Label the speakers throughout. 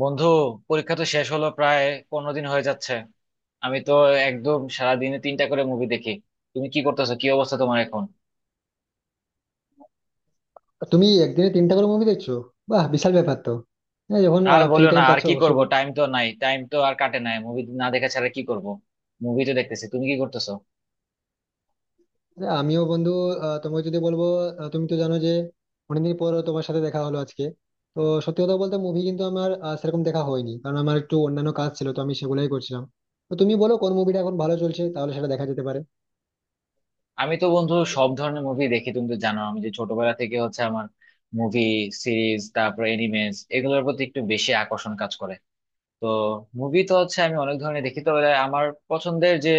Speaker 1: বন্ধু, পরীক্ষা তো শেষ হলো প্রায়। 15 দিন হয়ে যাচ্ছে। আমি তো একদম সারাদিনে তিনটা করে মুভি দেখি। তুমি কি করতেছো, কি অবস্থা তোমার এখন?
Speaker 2: তুমি একদিনে তিনটা করে মুভি দেখছো? বাহ, বিশাল ব্যাপার তো! হ্যাঁ, যখন
Speaker 1: আর
Speaker 2: ফ্রি
Speaker 1: বলো না,
Speaker 2: টাইম
Speaker 1: আর
Speaker 2: পাচ্ছ
Speaker 1: কি
Speaker 2: অবশ্যই
Speaker 1: করব?
Speaker 2: দেখো।
Speaker 1: টাইম তো নাই, টাইম তো আর কাটে নাই, মুভি না দেখা ছাড়া কি করব? মুভি তো দেখতেছি, তুমি কি করতেছো?
Speaker 2: আরে, আমিও বন্ধু। তোমাকে যদি বলবো, তুমি তো জানো যে অনেকদিন পর তোমার সাথে দেখা হলো আজকে। তো সত্যি কথা বলতে মুভি কিন্তু আমার সেরকম দেখা হয়নি, কারণ আমার একটু অন্যান্য কাজ ছিল, তো আমি সেগুলাই করছিলাম। তো তুমি বলো কোন মুভিটা এখন ভালো চলছে, তাহলে সেটা দেখা যেতে পারে।
Speaker 1: আমি তো বন্ধু সব ধরনের মুভি দেখি, তুমি তো জানো আমি যে ছোটবেলা থেকে হচ্ছে আমার মুভি, সিরিজ, তারপর এনিমেস এগুলোর প্রতি একটু বেশি আকর্ষণ কাজ করে। তো মুভি তো হচ্ছে আমি অনেক ধরনের দেখি, তো এবার আমার পছন্দের যে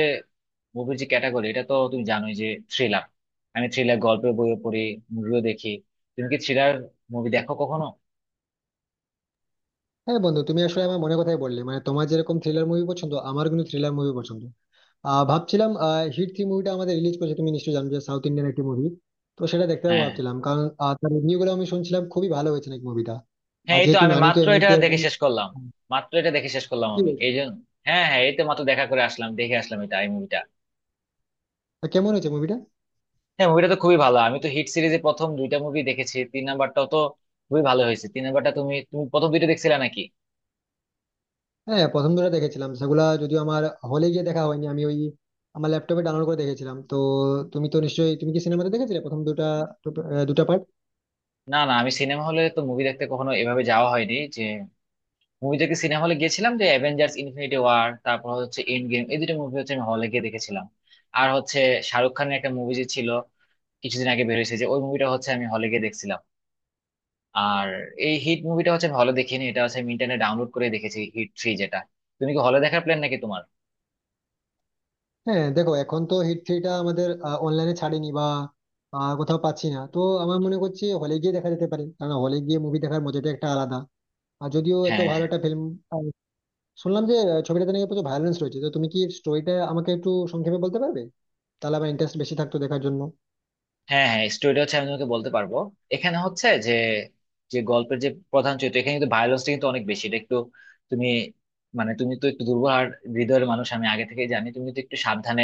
Speaker 1: মুভির যে ক্যাটাগরি এটা তো তুমি জানোই যে থ্রিলার। আমি থ্রিলার গল্পের বইও পড়ি, মুভিও দেখি। তুমি কি থ্রিলার মুভি দেখো কখনো?
Speaker 2: হ্যাঁ বন্ধু, তুমি আসলে আমার মনে কথাই বললে। মানে তোমার যেরকম থ্রিলার মুভি পছন্দ, আমার কিন্তু থ্রিলার মুভি পছন্দ। ভাবছিলাম হিট থ্রি মুভিটা আমাদের রিলিজ করেছে, তুমি নিশ্চয়ই জানো যে সাউথ ইন্ডিয়ান একটি মুভি। তো সেটা দেখতে যাবো
Speaker 1: হ্যাঁ, হ্যাঁ,
Speaker 2: ভাবছিলাম, কারণ তার রিভিউ গুলো আমি শুনছিলাম খুবই ভালো হয়েছে নাকি মুভিটা। আর
Speaker 1: হ্যাঁ, এই তো
Speaker 2: যেহেতু
Speaker 1: আমি
Speaker 2: নানি তো
Speaker 1: মাত্র এটা
Speaker 2: এমনিতে
Speaker 1: দেখে শেষ করলাম।
Speaker 2: হ্যাঁ,
Speaker 1: মাত্র এটা দেখে শেষ করলাম
Speaker 2: কি
Speaker 1: আমি, এই
Speaker 2: বলছো?
Speaker 1: জন্য। হ্যাঁ, হ্যাঁ, এই তো মাত্র দেখা করে আসলাম, দেখে আসলাম এটা, এই মুভিটা।
Speaker 2: তা কেমন হয়েছে মুভিটা?
Speaker 1: হ্যাঁ, মুভিটা তো খুবই ভালো। আমি তো হিট সিরিজে প্রথম দুইটা মুভি দেখেছি, তিন নাম্বারটাও তো খুবই ভালো হয়েছে। তিন নাম্বারটা তুমি তুমি প্রথম দুইটা দেখছিলে নাকি?
Speaker 2: হ্যাঁ, প্রথম দুটো দেখেছিলাম, সেগুলা যদিও আমার হলে গিয়ে দেখা হয়নি। আমি ওই আমার ল্যাপটপে ডাউনলোড করে দেখেছিলাম, তো তুমি তো নিশ্চয়ই, তুমি কি সিনেমাতে দেখেছিলে প্রথম দুটা? দুটা পার্ট?
Speaker 1: না, না, আমি সিনেমা হলে তো মুভি দেখতে কখনো এভাবে যাওয়া হয়নি। মুভি দেখে সিনেমা হলে গিয়েছিলাম যে অ্যাভেঞ্জার্স ইনফিনিটি ওয়ার, তারপর হচ্ছে এন্ড গেম, এই দুটো মুভি হচ্ছে আমি হলে গিয়ে দেখেছিলাম। আর হচ্ছে শাহরুখ খানের একটা মুভি যে ছিল, কিছুদিন আগে বের হয়েছে, যে ওই মুভিটা হচ্ছে আমি হলে গিয়ে দেখছিলাম। আর এই হিট মুভিটা হচ্ছে আমি হলে দেখিনি, এটা হচ্ছে আমি ইন্টারনেট ডাউনলোড করে দেখেছি, হিট থ্রি যেটা। তুমি কি হলে দেখার প্ল্যান নাকি তোমার?
Speaker 2: হ্যাঁ, দেখো এখন তো হিট থ্রিটা আমাদের অনলাইনে ছাড়েনি বা কোথাও পাচ্ছি না, তো আমার মনে করছি হলে গিয়ে দেখা যেতে পারে, কারণ হলে গিয়ে মুভি দেখার মজাটা একটা আলাদা। আর যদিও এত
Speaker 1: হ্যাঁ,
Speaker 2: ভালো
Speaker 1: হ্যাঁ,
Speaker 2: একটা ফিল্ম, শুনলাম যে ছবিটাতে নাকি প্রচুর ভায়োলেন্স রয়েছে। তো তুমি কি স্টোরিটা আমাকে একটু সংক্ষেপে বলতে পারবে? তাহলে আমার ইন্টারেস্ট বেশি থাকতো দেখার জন্য।
Speaker 1: হ্যাঁ, হ্যাঁ, স্টোরিটা হচ্ছে আমি তোমাকে বলতে পারবো। এখানে হচ্ছে যে, যে গল্পের যে প্রধান চরিত্র, এখানে কিন্তু ভায়োলেন্সটা কিন্তু অনেক বেশি, এটা একটু তুমি, মানে তুমি তো একটু দুর্বল আর হৃদয়ের মানুষ আমি আগে থেকে জানি, তুমি তো একটু সাবধানে,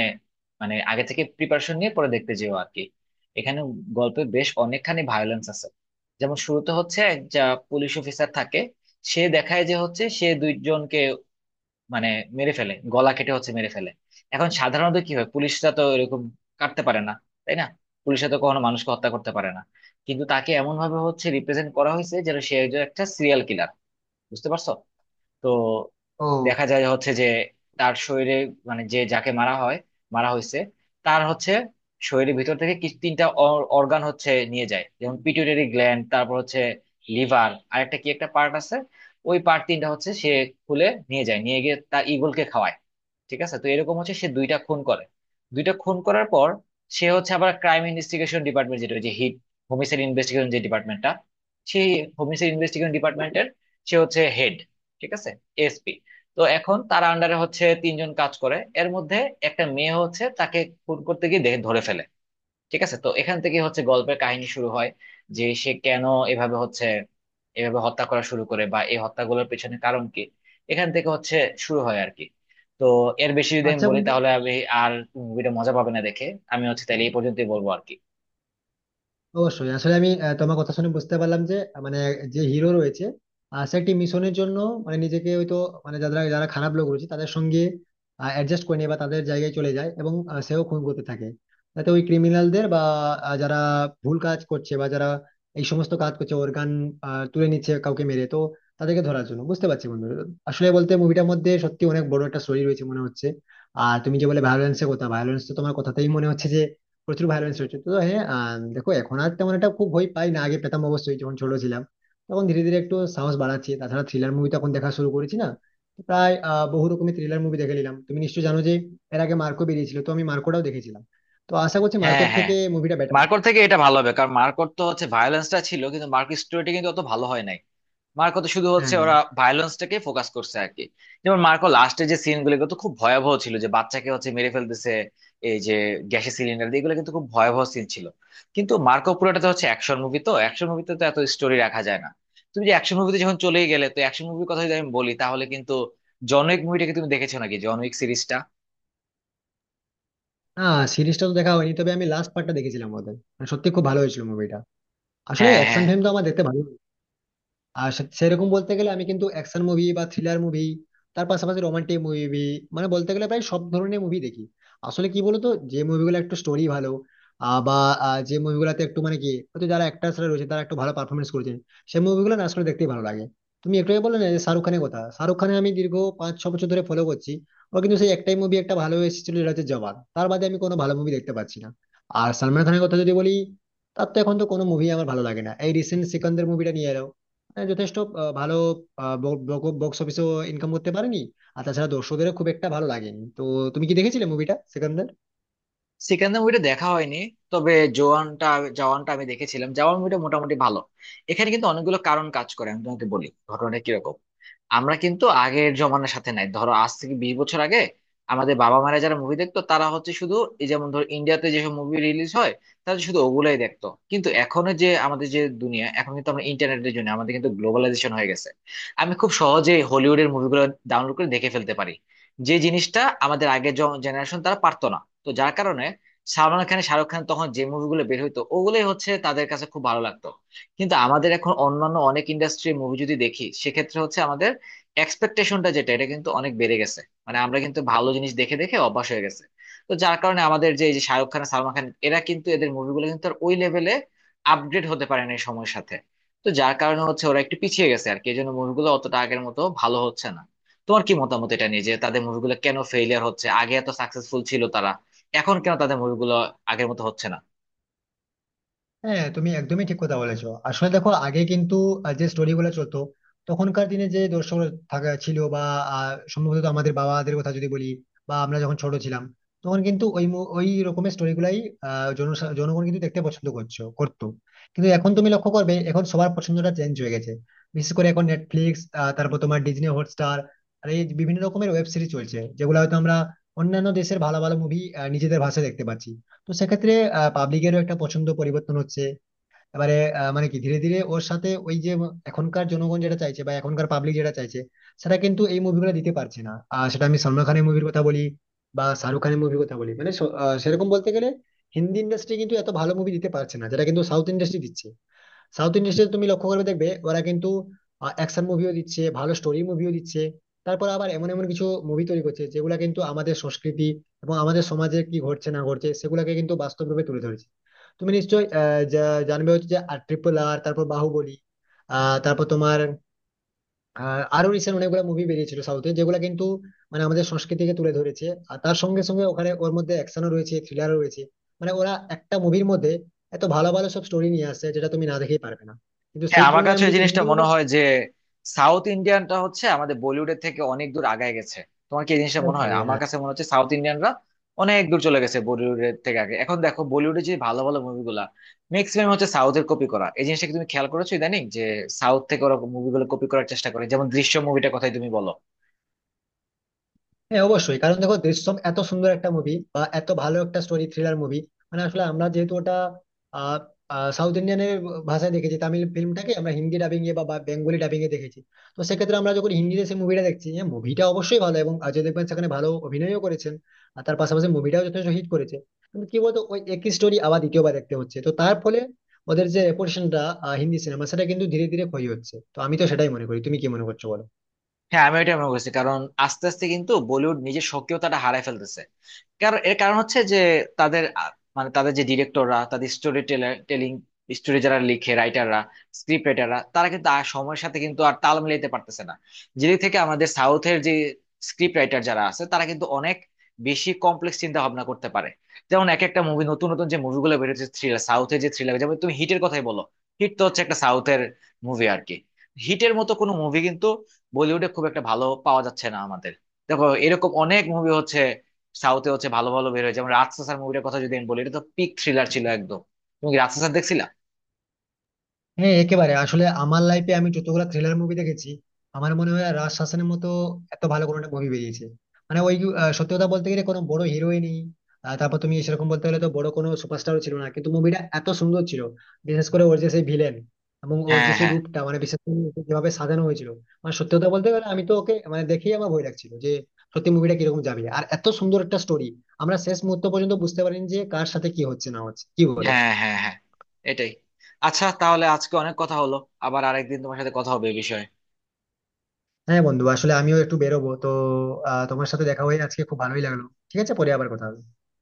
Speaker 1: মানে আগে থেকে প্রিপারেশন নিয়ে পরে দেখতে যেও আর কি। এখানে গল্পে বেশ অনেকখানি ভায়োলেন্স আছে। যেমন শুরুতে হচ্ছে এক যা পুলিশ অফিসার থাকে, সে দেখায় যে হচ্ছে সে দুইজনকে, মানে মেরে ফেলে, গলা কেটে হচ্ছে মেরে ফেলে। এখন সাধারণত কি হয়, পুলিশরা তো এরকম কাটতে পারে না, তাই না? পুলিশরা তো কখনো মানুষকে হত্যা করতে পারে না। কিন্তু তাকে এমন ভাবে হচ্ছে রিপ্রেজেন্ট করা হয়েছে যেন সে একজন, একটা সিরিয়াল কিলার। বুঝতে পারছো? তো
Speaker 2: ও
Speaker 1: দেখা যায় হচ্ছে যে তার শরীরে, মানে যে যাকে মারা হয়, মারা হয়েছে, তার হচ্ছে শরীরের ভিতর থেকে কিছু তিনটা অর্গান হচ্ছে নিয়ে যায়, যেমন পিটুইটারি গ্ল্যান্ড, তারপর হচ্ছে লিভার, আর একটা কি একটা পার্ট আছে, ওই পার্ট তিনটা হচ্ছে সে খুলে নিয়ে যায়, নিয়ে গিয়ে তার ইগলকে খাওয়ায়। ঠিক আছে, তো এরকম হচ্ছে সে দুইটা খুন করে। দুইটা খুন করার পর সে হচ্ছে আবার ক্রাইম ইনভেস্টিগেশন ডিপার্টমেন্ট, যেটা ওই যে হিট হোমিসাইড ইনভেস্টিগেশন যে ডিপার্টমেন্টটা, সেই হোমিসাইড ইনভেস্টিগেশন ডিপার্টমেন্টের সে হচ্ছে হেড, ঠিক আছে, এএসপি। তো এখন তার আন্ডারে হচ্ছে তিনজন কাজ করে, এর মধ্যে একটা মেয়ে হচ্ছে তাকে খুন করতে গিয়ে দেখে, ধরে ফেলে। ঠিক আছে, তো এখান থেকে হচ্ছে গল্পের কাহিনী শুরু হয়, যে সে কেন এভাবে হচ্ছে, এভাবে হত্যা করা শুরু করে বা এই হত্যাগুলোর পেছনে কারণ কি, এখান থেকে হচ্ছে শুরু হয় আর কি। তো এর বেশি যদি আমি
Speaker 2: আচ্ছা
Speaker 1: বলি
Speaker 2: বন্ধু,
Speaker 1: তাহলে আমি, আর মুভিটা মজা পাবে না দেখে। আমি হচ্ছে তাহলে এই পর্যন্তই বলবো আর কি।
Speaker 2: অবশ্যই। আসলে আমি তোমার কথা শুনে বুঝতে পারলাম যে মানে যে হিরো রয়েছে, সে একটি মিশনের জন্য, মানে নিজেকে হয়তো, মানে যারা যারা খারাপ লোক রয়েছে তাদের সঙ্গে অ্যাডজাস্ট করে নেয় বা তাদের জায়গায় চলে যায়, এবং সেও খুন করতে থাকে, যাতে ওই ক্রিমিনালদের বা যারা ভুল কাজ করছে বা যারা এই সমস্ত কাজ করছে, অর্গান তুলে নিচ্ছে কাউকে মেরে, তো তাদেরকে ধরার জন্য। বুঝতে পারছি বন্ধু। আসলে বলতে মুভিটার মধ্যে সত্যি অনেক বড় একটা স্টোরি রয়েছে মনে হচ্ছে। আর তুমি যে বলে ভায়োলেন্সের কথা, ভায়োলেন্স তো তোমার কথাতেই মনে হচ্ছে প্রচুর ভায়োলেন্স হচ্ছে। তো হ্যাঁ, দেখো এখন আর তেমন একটা খুব ভয় পাই না, আগে পেতাম অবশ্যই যখন ছোট ছিলাম, তখন ধীরে ধীরে একটু সাহস বাড়াচ্ছি। তাছাড়া থ্রিলার মুভি তো এখন দেখা শুরু করেছি না, তো প্রায় বহু রকমের থ্রিলার মুভি দেখে নিলাম। তুমি নিশ্চয়ই জানো যে এর আগে মার্কো বেরিয়েছিল, তো আমি মার্কোটাও দেখেছিলাম, তো আশা করছি
Speaker 1: হ্যাঁ,
Speaker 2: মার্কোর
Speaker 1: হ্যাঁ,
Speaker 2: থেকে মুভিটা বেটার।
Speaker 1: মার্কর থেকে এটা ভালো হবে, কারণ মার্কর তো হচ্ছে ভায়োলেন্সটা ছিল কিন্তু মার্কর স্টোরিটি কিন্তু অত ভালো হয় নাই। মার্কো তো শুধু
Speaker 2: হ্যাঁ
Speaker 1: হচ্ছে
Speaker 2: হ্যাঁ
Speaker 1: ওরা ভায়োলেন্সটাকে ফোকাস করছে আর কি। যেমন মার্কো লাস্টে যে সিন গুলো তো খুব ভয়াবহ ছিল, যে বাচ্চাকে হচ্ছে মেরে ফেলতেছে এই যে গ্যাসের সিলিন্ডার দিয়ে, এগুলো কিন্তু খুব ভয়াবহ সিন ছিল। কিন্তু মার্কো পুরোটাতে হচ্ছে অ্যাকশন মুভি, তো অ্যাকশন মুভিতে তো এত স্টোরি রাখা যায় না। তুমি যে অ্যাকশন মুভিতে যখন চলেই গেলে, তো অ্যাকশন মুভির কথা যদি আমি বলি তাহলে কিন্তু জন উইক মুভিটাকে তুমি দেখেছো নাকি, জন উইক সিরিজটা?
Speaker 2: হ্যাঁ, সিরিজটা তো দেখা হয়নি, তবে আমি লাস্ট পার্টটা দেখেছিলাম ওদের, মানে সত্যি খুব ভালো হয়েছিল মুভিটা। আসলে
Speaker 1: হ্যাঁ,
Speaker 2: অ্যাকশন
Speaker 1: হ্যাঁ,
Speaker 2: ফিল্ম তো আমার দেখতে ভালো। আর সেরকম বলতে গেলে আমি কিন্তু অ্যাকশন মুভি বা থ্রিলার মুভি, তার পাশাপাশি রোমান্টিক মুভি, মানে বলতে গেলে প্রায় সব ধরনের মুভি দেখি। আসলে কি বলতো, যে মুভিগুলো একটু স্টোরি ভালো, বা যে মুভিগুলোতে একটু মানে কি হয়তো যারা অ্যাক্টার্সরা রয়েছে তারা একটু ভালো পারফরমেন্স করেছেন, সেই মুভিগুলো না আসলে দেখতেই ভালো লাগে। তুমি একটু আগে বললে না যে শাহরুখ খানের কথা, শাহরুখ খানে আমি দীর্ঘ পাঁচ ছ বছর ধরে ফলো করছি। ও কিন্তু সেই একটাই মুভি একটা ভালো এসেছিল যেটা হচ্ছে জওয়ান, তার বাদে আমি কোনো ভালো মুভি দেখতে পাচ্ছি না। আর সালমান খানের কথা যদি বলি, তার তো এখন তো কোনো মুভি আমার ভালো লাগে না। এই রিসেন্ট সিকান্দার মুভিটা নিয়ে এলো, হ্যাঁ, যথেষ্ট ভালো বক্স অফিসেও ইনকাম করতে পারেনি, আর তাছাড়া দর্শকদেরও খুব একটা ভালো লাগেনি। তো তুমি কি দেখেছিলে মুভিটা সেখান?
Speaker 1: সেকেন্ড মুভিটা দেখা হয়নি, তবে জওয়ানটা, জওয়ানটা আমি দেখেছিলাম, জওয়ান মুভিটা মোটামুটি ভালো। এখানে কিন্তু অনেকগুলো কারণ কাজ করে, আমি তোমাকে বলি ঘটনাটা কিরকম। আমরা কিন্তু আগের জমানার সাথে নাই, ধরো আজ থেকে 20 বছর আগে আমাদের বাবা মারা, যারা মুভি দেখতো, তারা হচ্ছে শুধু এই যেমন ধরো ইন্ডিয়াতে যেসব মুভি রিলিজ হয়, তারা শুধু ওগুলাই দেখতো। কিন্তু এখন যে আমাদের যে দুনিয়া, এখন কিন্তু আমরা ইন্টারনেটের জন্য আমাদের কিন্তু গ্লোবালাইজেশন হয়ে গেছে। আমি খুব সহজে হলিউডের মুভিগুলো ডাউনলোড করে দেখে ফেলতে পারি, যে জিনিসটা আমাদের আগের জেনারেশন তারা পারতো না। তো যার কারণে সালমান খান, শাহরুখ খান তখন যে মুভিগুলো বের হইতো, ওগুলোই হচ্ছে তাদের কাছে খুব ভালো লাগতো। কিন্তু আমাদের এখন অন্যান্য অনেক ইন্ডাস্ট্রির মুভি যদি দেখি, সেক্ষেত্রে হচ্ছে আমাদের এক্সপেকটেশনটা যেটা, এটা কিন্তু অনেক বেড়ে গেছে। মানে আমরা কিন্তু ভালো জিনিস দেখে দেখে অভ্যাস হয়ে গেছে। তো যার কারণে আমাদের যে এই যে শাহরুখ খান আর সালমান খান, এরা কিন্তু এদের মুভিগুলো কিন্তু আর ওই লেভেলে আপডেট হতে পারে না এই সময়ের সাথে। তো যার কারণে হচ্ছে ওরা একটু পিছিয়ে গেছে আর কি, এই জন্য মুভিগুলো অতটা আগের মতো ভালো হচ্ছে না। তোমার কি মতামত এটা নিয়ে, যে তাদের মুভিগুলো কেন ফেইলিয়ার হচ্ছে, আগে এত সাকসেসফুল ছিল তারা, এখন কেন তাদের মুভিগুলো আগের মতো হচ্ছে না?
Speaker 2: হ্যাঁ, তুমি একদমই ঠিক কথা বলেছো। আসলে দেখো আগে কিন্তু যে স্টোরি গুলো চলতো তখনকার দিনে, যে দর্শক থাকা ছিল, বা সম্ভবত আমাদের বাবাদের কথা যদি বলি, বা আমরা যখন ছোট ছিলাম, তখন কিন্তু ওই ওই রকমের স্টোরি গুলাই জনগণ কিন্তু দেখতে পছন্দ করতো। কিন্তু এখন তুমি লক্ষ্য করবে এখন সবার পছন্দটা চেঞ্জ হয়ে গেছে। বিশেষ করে এখন নেটফ্লিক্স, তারপর তোমার ডিজনি হটস্টার, আর এই বিভিন্ন রকমের ওয়েব সিরিজ চলছে, যেগুলো হয়তো আমরা অন্যান্য দেশের ভালো ভালো মুভি নিজেদের ভাষায় দেখতে পাচ্ছি। তো সেক্ষেত্রে পাবলিকেরও একটা পছন্দ পরিবর্তন হচ্ছে এবারে, মানে কি ধীরে ধীরে ওর সাথে ওই যে এখনকার জনগণ যেটা চাইছে বা এখনকার পাবলিক যেটা চাইছে, সেটা কিন্তু এই মুভিগুলো দিতে পারছে না। আর সেটা আমি সলমান খানের মুভির কথা বলি বা শাহরুখ খানের মুভির কথা বলি, মানে সেরকম বলতে গেলে হিন্দি ইন্ডাস্ট্রি কিন্তু এত ভালো মুভি দিতে পারছে না, যেটা কিন্তু সাউথ ইন্ডাস্ট্রি দিচ্ছে। সাউথ ইন্ডাস্ট্রিতে তুমি লক্ষ্য করবে, দেখবে ওরা কিন্তু অ্যাকশন মুভিও দিচ্ছে, ভালো স্টোরি মুভিও দিচ্ছে। তারপর আবার এমন এমন কিছু মুভি তৈরি করছে যেগুলো কিন্তু আমাদের সংস্কৃতি এবং আমাদের সমাজে কি ঘটছে না ঘটছে, সেগুলোকে কিন্তু বাস্তব রূপে তুলে ধরেছে। তুমি নিশ্চয়ই জানবে হচ্ছে যে ট্রিপল আর Triple R, তারপর বাহুবলী, তারপর তোমার আর আরো রিসেন্ট অনেকগুলো মুভি বেরিয়েছিল সাউথে, যেগুলো কিন্তু মানে আমাদের সংস্কৃতিকে তুলে ধরেছে। আর তার সঙ্গে সঙ্গে ওখানে ওর মধ্যে অ্যাকশনও রয়েছে, থ্রিলারও রয়েছে। মানে ওরা একটা মুভির মধ্যে এত ভালো ভালো সব স্টোরি নিয়ে আসছে যেটা তুমি না দেখেই পারবে না। কিন্তু
Speaker 1: হ্যাঁ,
Speaker 2: সেই
Speaker 1: আমার
Speaker 2: তুলনায়
Speaker 1: কাছে
Speaker 2: আমি
Speaker 1: এই
Speaker 2: যদি
Speaker 1: জিনিসটা
Speaker 2: হিন্দি
Speaker 1: মনে হয় যে সাউথ ইন্ডিয়ানটা হচ্ছে আমাদের বলিউডের থেকে অনেক দূর আগায় গেছে। তোমার কি এই জিনিসটা মনে হয়?
Speaker 2: মুভির
Speaker 1: আমার কাছে মনে হচ্ছে সাউথ ইন্ডিয়ানরা অনেক দূর চলে গেছে বলিউডের থেকে। আগে এখন দেখো বলিউডে যে ভালো ভালো মুভিগুলা ম্যাক্সিমাম হচ্ছে সাউথের কপি করা। এই জিনিসটা কি তুমি খেয়াল করেছো ইদানিং, যে সাউথ থেকে ওরা মুভিগুলো কপি করার চেষ্টা করে, যেমন দৃশ্য মুভিটার কথাই তুমি বলো।
Speaker 2: হ্যাঁ অবশ্যই, কারণ দেখো দৃশ্যম এত সুন্দর একটা মুভি বা এত ভালো একটা স্টোরি থ্রিলার মুভি। মানে আসলে আমরা যেহেতু ওটা আহ, আহ, সাউথ ইন্ডিয়ানের ভাষায় দেখেছি, তামিল ফিল্মটাকে আমরা হিন্দি ডাবিং এ বা বা বেঙ্গলি ডাবিং এ দেখেছি। তো সেক্ষেত্রে আমরা যখন হিন্দিতে সেই মুভিটা দেখছি, হ্যাঁ মুভিটা অবশ্যই ভালো এবং অজয় দেবগন সেখানে ভালো অভিনয়ও করেছেন, আর তার পাশাপাশি মুভিটাও যথেষ্ট হিট করেছে। কিন্তু কি বলতো ওই একই স্টোরি আবার দ্বিতীয়বার দেখতে হচ্ছে, তো তার ফলে ওদের যে রেপুটেশনটা হিন্দি সিনেমা, সেটা কিন্তু ধীরে ধীরে ক্ষয় হচ্ছে। তো আমি তো সেটাই মনে করি, তুমি কি মনে করছো বলো?
Speaker 1: হ্যাঁ, আমি ওইটাই মনে করছি, কারণ আস্তে আস্তে কিন্তু বলিউড নিজের সক্রিয়তাটা হারায় ফেলতেছে। কারণ এর কারণ হচ্ছে যে তাদের মানে তাদের যে ডিরেক্টররা, তাদের স্টোরি টেলিং, স্টোরি যারা লিখে রাইটাররা, স্ক্রিপ্ট রাইটাররা, তারা কিন্তু আর সময়ের সাথে কিন্তু আর তাল মিলাইতে পারতেছে না। যেদিক থেকে আমাদের সাউথের যে স্ক্রিপ্ট রাইটার যারা আছে, তারা কিন্তু অনেক বেশি কমপ্লেক্স চিন্তা ভাবনা করতে পারে। যেমন এক একটা মুভি, নতুন নতুন যে মুভিগুলো বেরোচ্ছে থ্রিলার, সাউথের যে থ্রিলার, যেমন তুমি হিটের কথাই বলো, হিট তো হচ্ছে একটা সাউথের মুভি আর কি। হিটের মতো কোনো মুভি কিন্তু বলিউডে খুব একটা ভালো পাওয়া যাচ্ছে না আমাদের। দেখো এরকম অনেক মুভি হচ্ছে সাউথে হচ্ছে ভালো ভালো বের হয়, যেমন রাজসাসার মুভিটার কথা যদি আমি বলি, এটা তো পিক থ্রিলার ছিল একদম। তুমি কি রাজসাসার দেখছিলা?
Speaker 2: হ্যাঁ একেবারে, আসলে আমার লাইফে আমি যতগুলো থ্রিলার মুভি দেখেছি, আমার মনে হয় রাজ শাসনের মতো এত ভালো কোনো একটা মুভি বেরিয়েছে। মানে ওই সত্যি কথা বলতে গেলে কোনো বড় হিরোই নেই, তারপর তুমি সেরকম বলতে গেলে তো বড় কোনো সুপারস্টারও ছিল না, কিন্তু মুভিটা এত সুন্দর ছিল। বিশেষ করে ওর যে সেই ভিলেন এবং ওর
Speaker 1: হ্যাঁ,
Speaker 2: যে সেই
Speaker 1: হ্যাঁ,
Speaker 2: রূপটা, মানে বিশেষ করে ওকে যেভাবে সাজানো হয়েছিল, মানে সত্যি কথা বলতে গেলে আমি তো ওকে মানে দেখেই আমার ভয় লাগছিল যে সত্যি মুভিটা কিরকম যাবে। আর এত সুন্দর একটা স্টোরি, আমরা শেষ মুহূর্ত পর্যন্ত বুঝতে পারিনি যে কার সাথে কি হচ্ছে না হচ্ছে, কি বলো?
Speaker 1: হ্যাঁ, হ্যাঁ, হ্যাঁ, এটাই। আচ্ছা তাহলে আজকে অনেক কথা হলো, আবার আরেকদিন তোমার সাথে কথা হবে এই বিষয়ে।
Speaker 2: হ্যাঁ বন্ধু, আসলে আমিও একটু বেরোবো তো। তোমার সাথে দেখা হয়ে আজকে খুব ভালোই লাগলো। ঠিক আছে, পরে আবার কথা হবে।